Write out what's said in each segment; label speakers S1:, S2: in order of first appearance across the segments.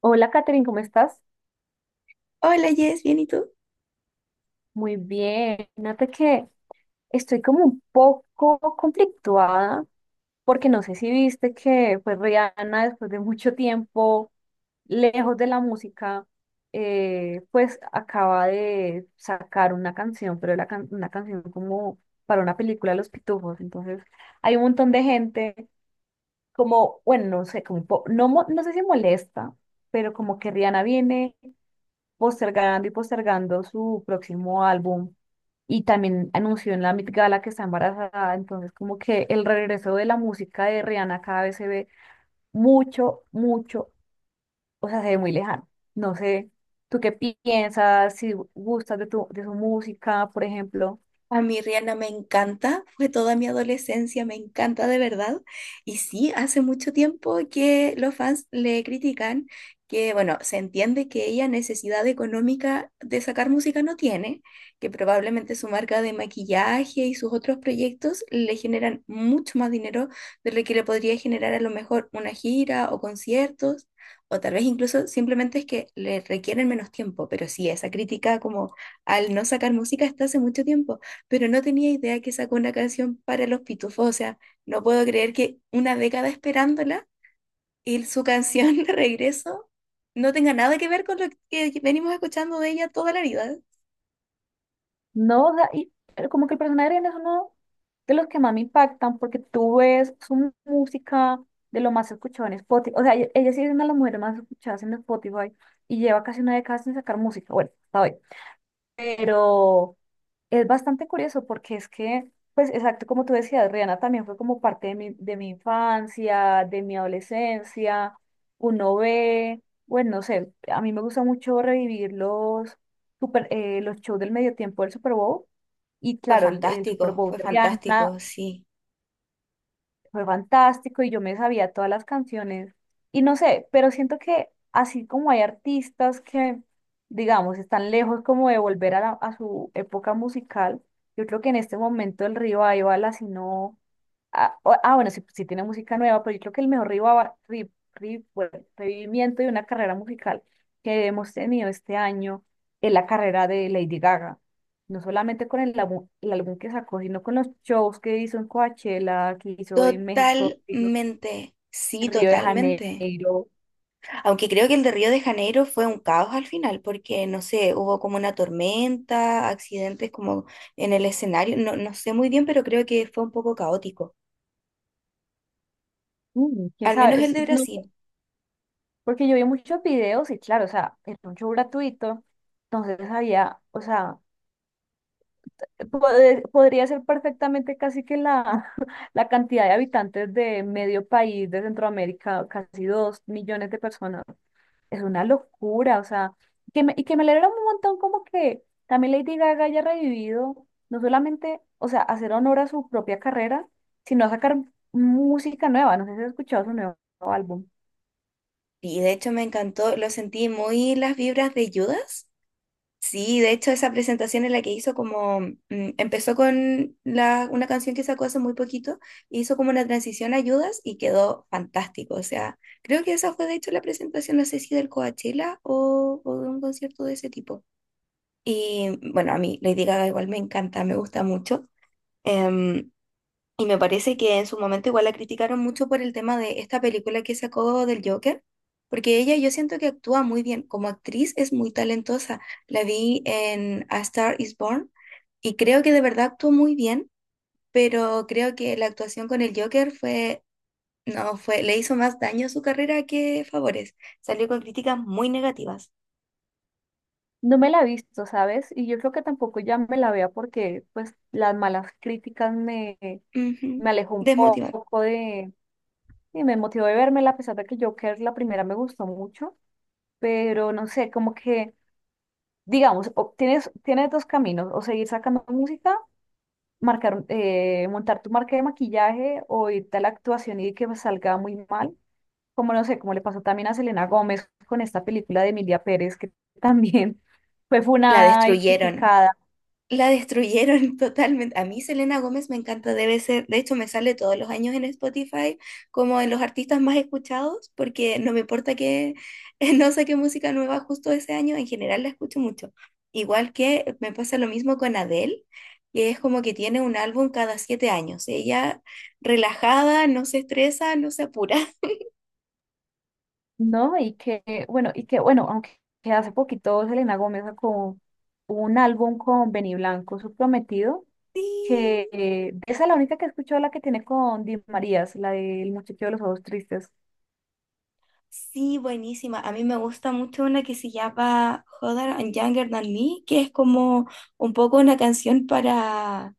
S1: Hola, Katherine, ¿cómo estás?
S2: Hola, Jess, ¿bien y tú?
S1: Muy bien. Fíjate que estoy como un poco conflictuada porque no sé si viste que pues Rihanna después de mucho tiempo lejos de la música pues acaba de sacar una canción, pero una canción como para una película de Los Pitufos. Entonces hay un montón de gente como, bueno, no sé, como un po- no, mo- no sé si molesta, pero como que Rihanna viene postergando y postergando su próximo álbum y también anunció en la Met Gala que está embarazada, entonces como que el regreso de la música de Rihanna cada vez se ve mucho, mucho, o sea, se ve muy lejano. No sé, ¿tú qué piensas? Si gustas de de su música, por ejemplo.
S2: A mí Rihanna me encanta, fue toda mi adolescencia, me encanta de verdad. Y sí, hace mucho tiempo que los fans le critican que, bueno, se entiende que ella necesidad económica de sacar música no tiene, que probablemente su marca de maquillaje y sus otros proyectos le generan mucho más dinero de lo que le podría generar a lo mejor una gira o conciertos, o tal vez incluso simplemente es que le requieren menos tiempo, pero sí, esa crítica como al no sacar música está hace mucho tiempo pero no tenía idea que sacó una canción para los Pitufos. O sea, no puedo creer que una década esperándola y su canción regreso no tenga nada que ver con lo que venimos escuchando de ella toda la vida.
S1: No, da- y pero como que el personaje de Ariana es uno de los que más me impactan porque tú ves su música de lo más escuchado en Spotify. O sea, ella sí es una de las mujeres más escuchadas en Spotify y lleva casi una década sin sacar música. Bueno, hasta hoy, pero es bastante curioso porque es que, pues exacto como tú decías, Rihanna también fue como parte de de mi infancia, de mi adolescencia, uno ve, bueno, no sé, a mí me gusta mucho revivir los shows del medio tiempo del Super Bowl. Y claro, el Super Bowl
S2: Fue
S1: de Rihanna
S2: fantástico, sí.
S1: fue fantástico y yo me sabía todas las canciones. Y no sé, pero siento que así como hay artistas que, digamos, están lejos como de volver a su época musical, yo creo que en este momento el Revival, bala si no... bueno, sí, sí tiene música nueva, pero yo creo que el mejor bueno, revivimiento de una carrera musical que hemos tenido este año es la carrera de Lady Gaga, no solamente con el álbum que sacó, sino con los shows que hizo en Coachella, que hizo en México, que hizo
S2: Totalmente, sí,
S1: en Río de
S2: totalmente.
S1: Janeiro.
S2: Aunque creo que el de Río de Janeiro fue un caos al final, porque no sé, hubo como una tormenta, accidentes como en el escenario, no, no sé muy bien, pero creo que fue un poco caótico.
S1: Mm, quién
S2: Al menos
S1: sabe.
S2: el de
S1: No sé,
S2: Brasil.
S1: porque yo vi muchos videos y claro, o sea, era un show gratuito, entonces había, o sea, podría ser perfectamente casi que la, la cantidad de habitantes de medio país de Centroamérica, casi 2.000.000 de personas. Es una locura, o sea, que me alegra un montón como que también Lady Gaga haya revivido, no solamente, o sea, hacer honor a su propia carrera, sino a sacar música nueva. No sé si has escuchado su nuevo álbum.
S2: Y de hecho me encantó, lo sentí muy las vibras de Judas. Sí, de hecho esa presentación en la que hizo empezó con una canción que sacó hace muy poquito, hizo como una transición a Judas y quedó fantástico. O sea, creo que esa fue de hecho la presentación, no sé si del Coachella o de un concierto de ese tipo. Y bueno, a mí Lady Gaga igual me encanta, me gusta mucho. Em, y me parece que en su momento igual la criticaron mucho por el tema de esta película que sacó del Joker, porque ella yo siento que actúa muy bien, como actriz es muy talentosa. La vi en A Star is Born y creo que de verdad actuó muy bien, pero creo que la actuación con el Joker fue, no, fue, le hizo más daño a su carrera que favores. Salió con críticas muy negativas.
S1: No me la he visto, ¿sabes? Y yo creo que tampoco ya me la vea porque pues las malas críticas me
S2: Ujú.
S1: alejó un
S2: Desmotivar.
S1: poco de, y me motivó de verme a pesar de que Joker la primera me gustó mucho, pero no sé, como que, digamos, tienes dos caminos, o seguir sacando música, marcar, montar tu marca de maquillaje o irte a la actuación y que pues, salga muy mal, como no sé, como le pasó también a Selena Gómez con esta película de Emilia Pérez, que también fue
S2: La
S1: funada y
S2: destruyeron.
S1: criticada,
S2: La destruyeron totalmente. A mí Selena Gómez me encanta, debe ser, de hecho me sale todos los años en Spotify como en los artistas más escuchados, porque no me importa que no saque música nueva justo ese año, en general la escucho mucho. Igual que me pasa lo mismo con Adele, que es como que tiene un álbum cada 7 años. Ella relajada, no se estresa, no se apura.
S1: ¿no? Y que, bueno, aunque que hace poquito Selena Gómez sacó un álbum con Benny Blanco, su prometido, que
S2: Sí.
S1: esa es la única que he escuchado, la que tiene con Di Marías, la del muchacho de los ojos tristes.
S2: Sí, buenísima. A mí me gusta mucho una que se llama Hotter and Younger Than Me, que es como un poco una canción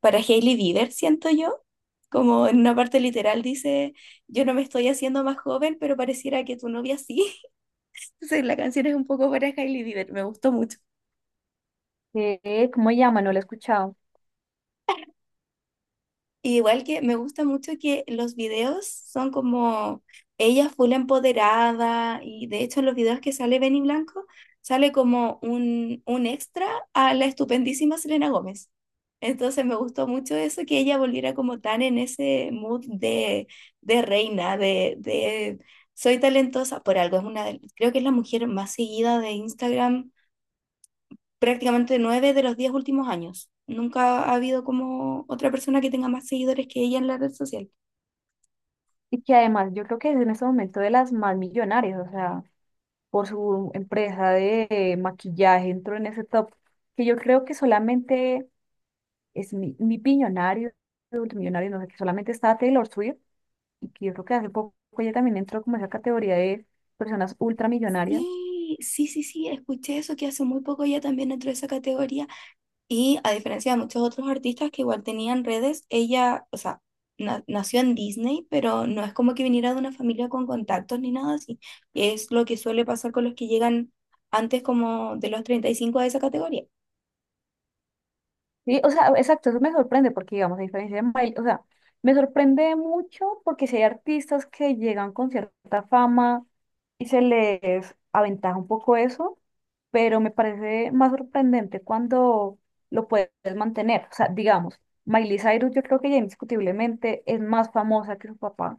S2: para Hailey Bieber, siento yo. Como en una parte literal dice, yo no me estoy haciendo más joven, pero pareciera que tu novia sí. Entonces la canción es un poco para Hailey Bieber. Me gustó mucho.
S1: ¿Cómo se llama? No la he escuchado.
S2: Y igual que me gusta mucho que los videos son como ella full empoderada y de hecho en los videos que sale Benny Blanco sale como un extra a la estupendísima Selena Gómez. Entonces me gustó mucho eso, que ella volviera como tan en ese mood de reina, de soy talentosa por algo. Es una de- creo que es la mujer más seguida de Instagram prácticamente 9 de los 10 últimos años. Nunca ha habido como otra persona que tenga más seguidores que ella en la red social.
S1: Y que además yo creo que es en este momento de las más millonarias, o sea, por su empresa de maquillaje entró en ese top, que yo creo que solamente es mi billonario, multimillonario, no sé, que solamente está Taylor Swift, y que yo creo que hace poco ella también entró como en esa categoría de personas ultramillonarias.
S2: Sí, sí, sí, sí, escuché eso, que hace muy poco ella también entró a esa categoría y a diferencia de muchos otros artistas que igual tenían redes, ella, o sea, nació en Disney, pero no es como que viniera de una familia con contactos ni nada así. Es lo que suele pasar con los que llegan antes como de los 35 a esa categoría.
S1: Sí, o sea, exacto, eso me sorprende porque, digamos, a diferencia de Miley, o sea, me sorprende mucho porque si hay artistas que llegan con cierta fama y se les aventaja un poco eso, pero me parece más sorprendente cuando lo puedes mantener. O sea, digamos, Miley Cyrus yo creo que ya indiscutiblemente es más famosa que su papá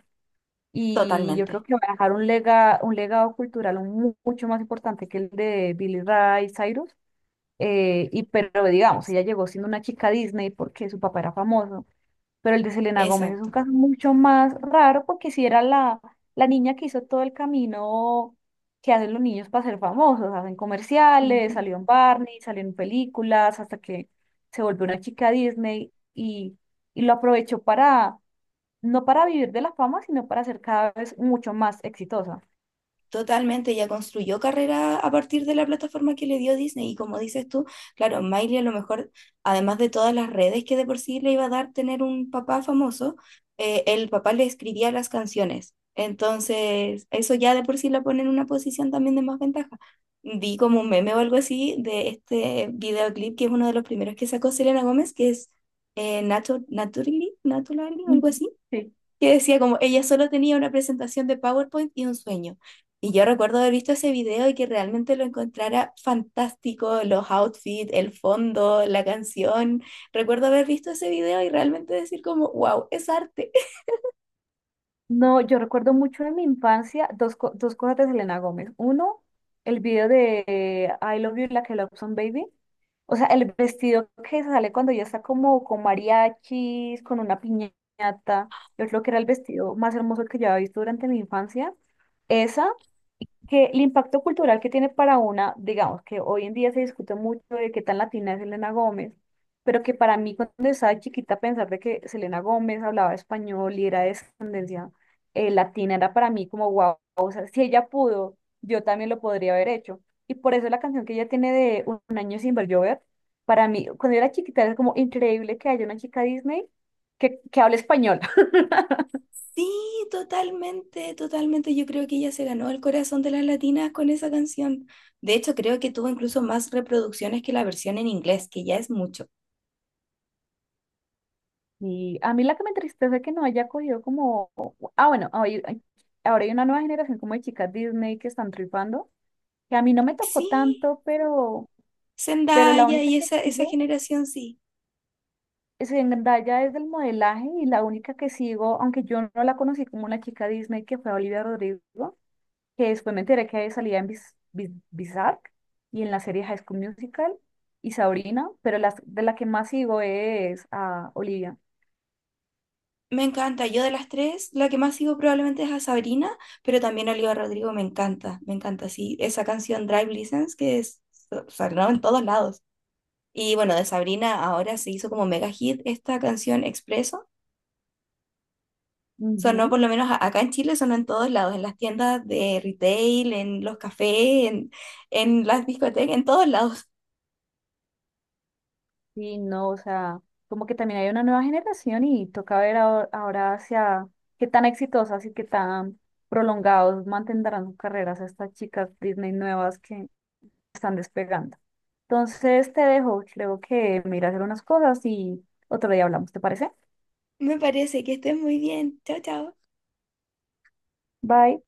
S1: y yo
S2: Totalmente.
S1: creo que va a dejar un un legado cultural mucho más importante que el de Billy Ray Cyrus. Pero digamos, ella llegó siendo una chica Disney porque su papá era famoso, pero el de Selena Gómez es un
S2: Exacto.
S1: caso mucho más raro porque si era la, la niña que hizo todo el camino que hacen los niños para ser famosos, hacen comerciales,
S2: Ujú.
S1: salió en Barney, salió en películas, hasta que se volvió una chica Disney y lo aprovechó para, no para vivir de la fama, sino para ser cada vez mucho más exitosa.
S2: Totalmente, ella construyó carrera a partir de la plataforma que le dio Disney y como dices tú, claro, Miley a lo mejor, además de todas las redes que de por sí le iba a dar tener un papá famoso, el papá le escribía las canciones. Entonces, eso ya de por sí la pone en una posición también de más ventaja. Vi como un meme o algo así de este videoclip que es uno de los primeros que sacó Selena Gómez, que es Naturally, Naturally, algo
S1: Ujú.
S2: así,
S1: Sí.
S2: que decía como ella solo tenía una presentación de PowerPoint y un sueño. Y yo recuerdo haber visto ese video y que realmente lo encontrara fantástico, los outfits, el fondo, la canción. Recuerdo haber visto ese video y realmente decir como, wow, es arte.
S1: No, yo recuerdo mucho en mi infancia dos, dos cosas de Selena Gómez. Uno, el video de I Love You Like a Lobson Baby. O sea, el vestido que sale cuando ya está como con mariachis, con una piñata. Yo creo que era el vestido más hermoso que yo había visto durante mi infancia. Esa que el impacto cultural que tiene para una, digamos que hoy en día se discute mucho de qué tan latina es Selena Gómez, pero que para mí cuando estaba chiquita pensar de que Selena Gómez hablaba español y era de descendencia latina era para mí como wow, o sea, si ella pudo, yo también lo podría haber hecho. Y por eso la canción que ella tiene de un año sin ver llover, para mí, cuando yo era chiquita era como increíble que haya una chica Disney que hable español.
S2: Sí, totalmente, totalmente. Yo creo que ella se ganó el corazón de las latinas con esa canción. De hecho, creo que tuvo incluso más reproducciones que la versión en inglés, que ya es mucho.
S1: Y a mí la que me entristece es que no haya cogido como... Ah, bueno, ahora hay una nueva generación como de chicas Disney que están triunfando, que a mí no me tocó
S2: Sí,
S1: tanto, pero la
S2: Zendaya
S1: única
S2: y
S1: que
S2: esa
S1: sigo
S2: generación, sí.
S1: es en Zendaya es del modelaje y la única que sigo, aunque yo no la conocí como una chica Disney, que fue Olivia Rodrigo, que después me enteré que salía en Bizarre y en la serie High School Musical y Sabrina, pero las, de la que más sigo es a Olivia.
S2: Me encanta. Yo de las tres, la que más sigo probablemente es a Sabrina, pero también a Olivia Rodrigo me encanta. Me encanta, sí. Esa canción Drive License que es, sonó en todos lados. Y bueno, de Sabrina ahora se hizo como mega hit esta canción Expreso. Sonó por
S1: Ujú.
S2: lo menos acá en Chile, sonó en todos lados, en las tiendas de retail, en los cafés, en las discotecas, en todos lados.
S1: Sí, no, o sea, como que también hay una nueva generación y toca ver ahora, ahora hacia qué tan exitosas y qué tan prolongados mantendrán sus carreras estas chicas Disney nuevas que están despegando. Entonces te dejo, creo que me iré a hacer unas cosas y otro día hablamos, ¿te parece?
S2: Me parece que estés muy bien. Chao, chao.
S1: Bye.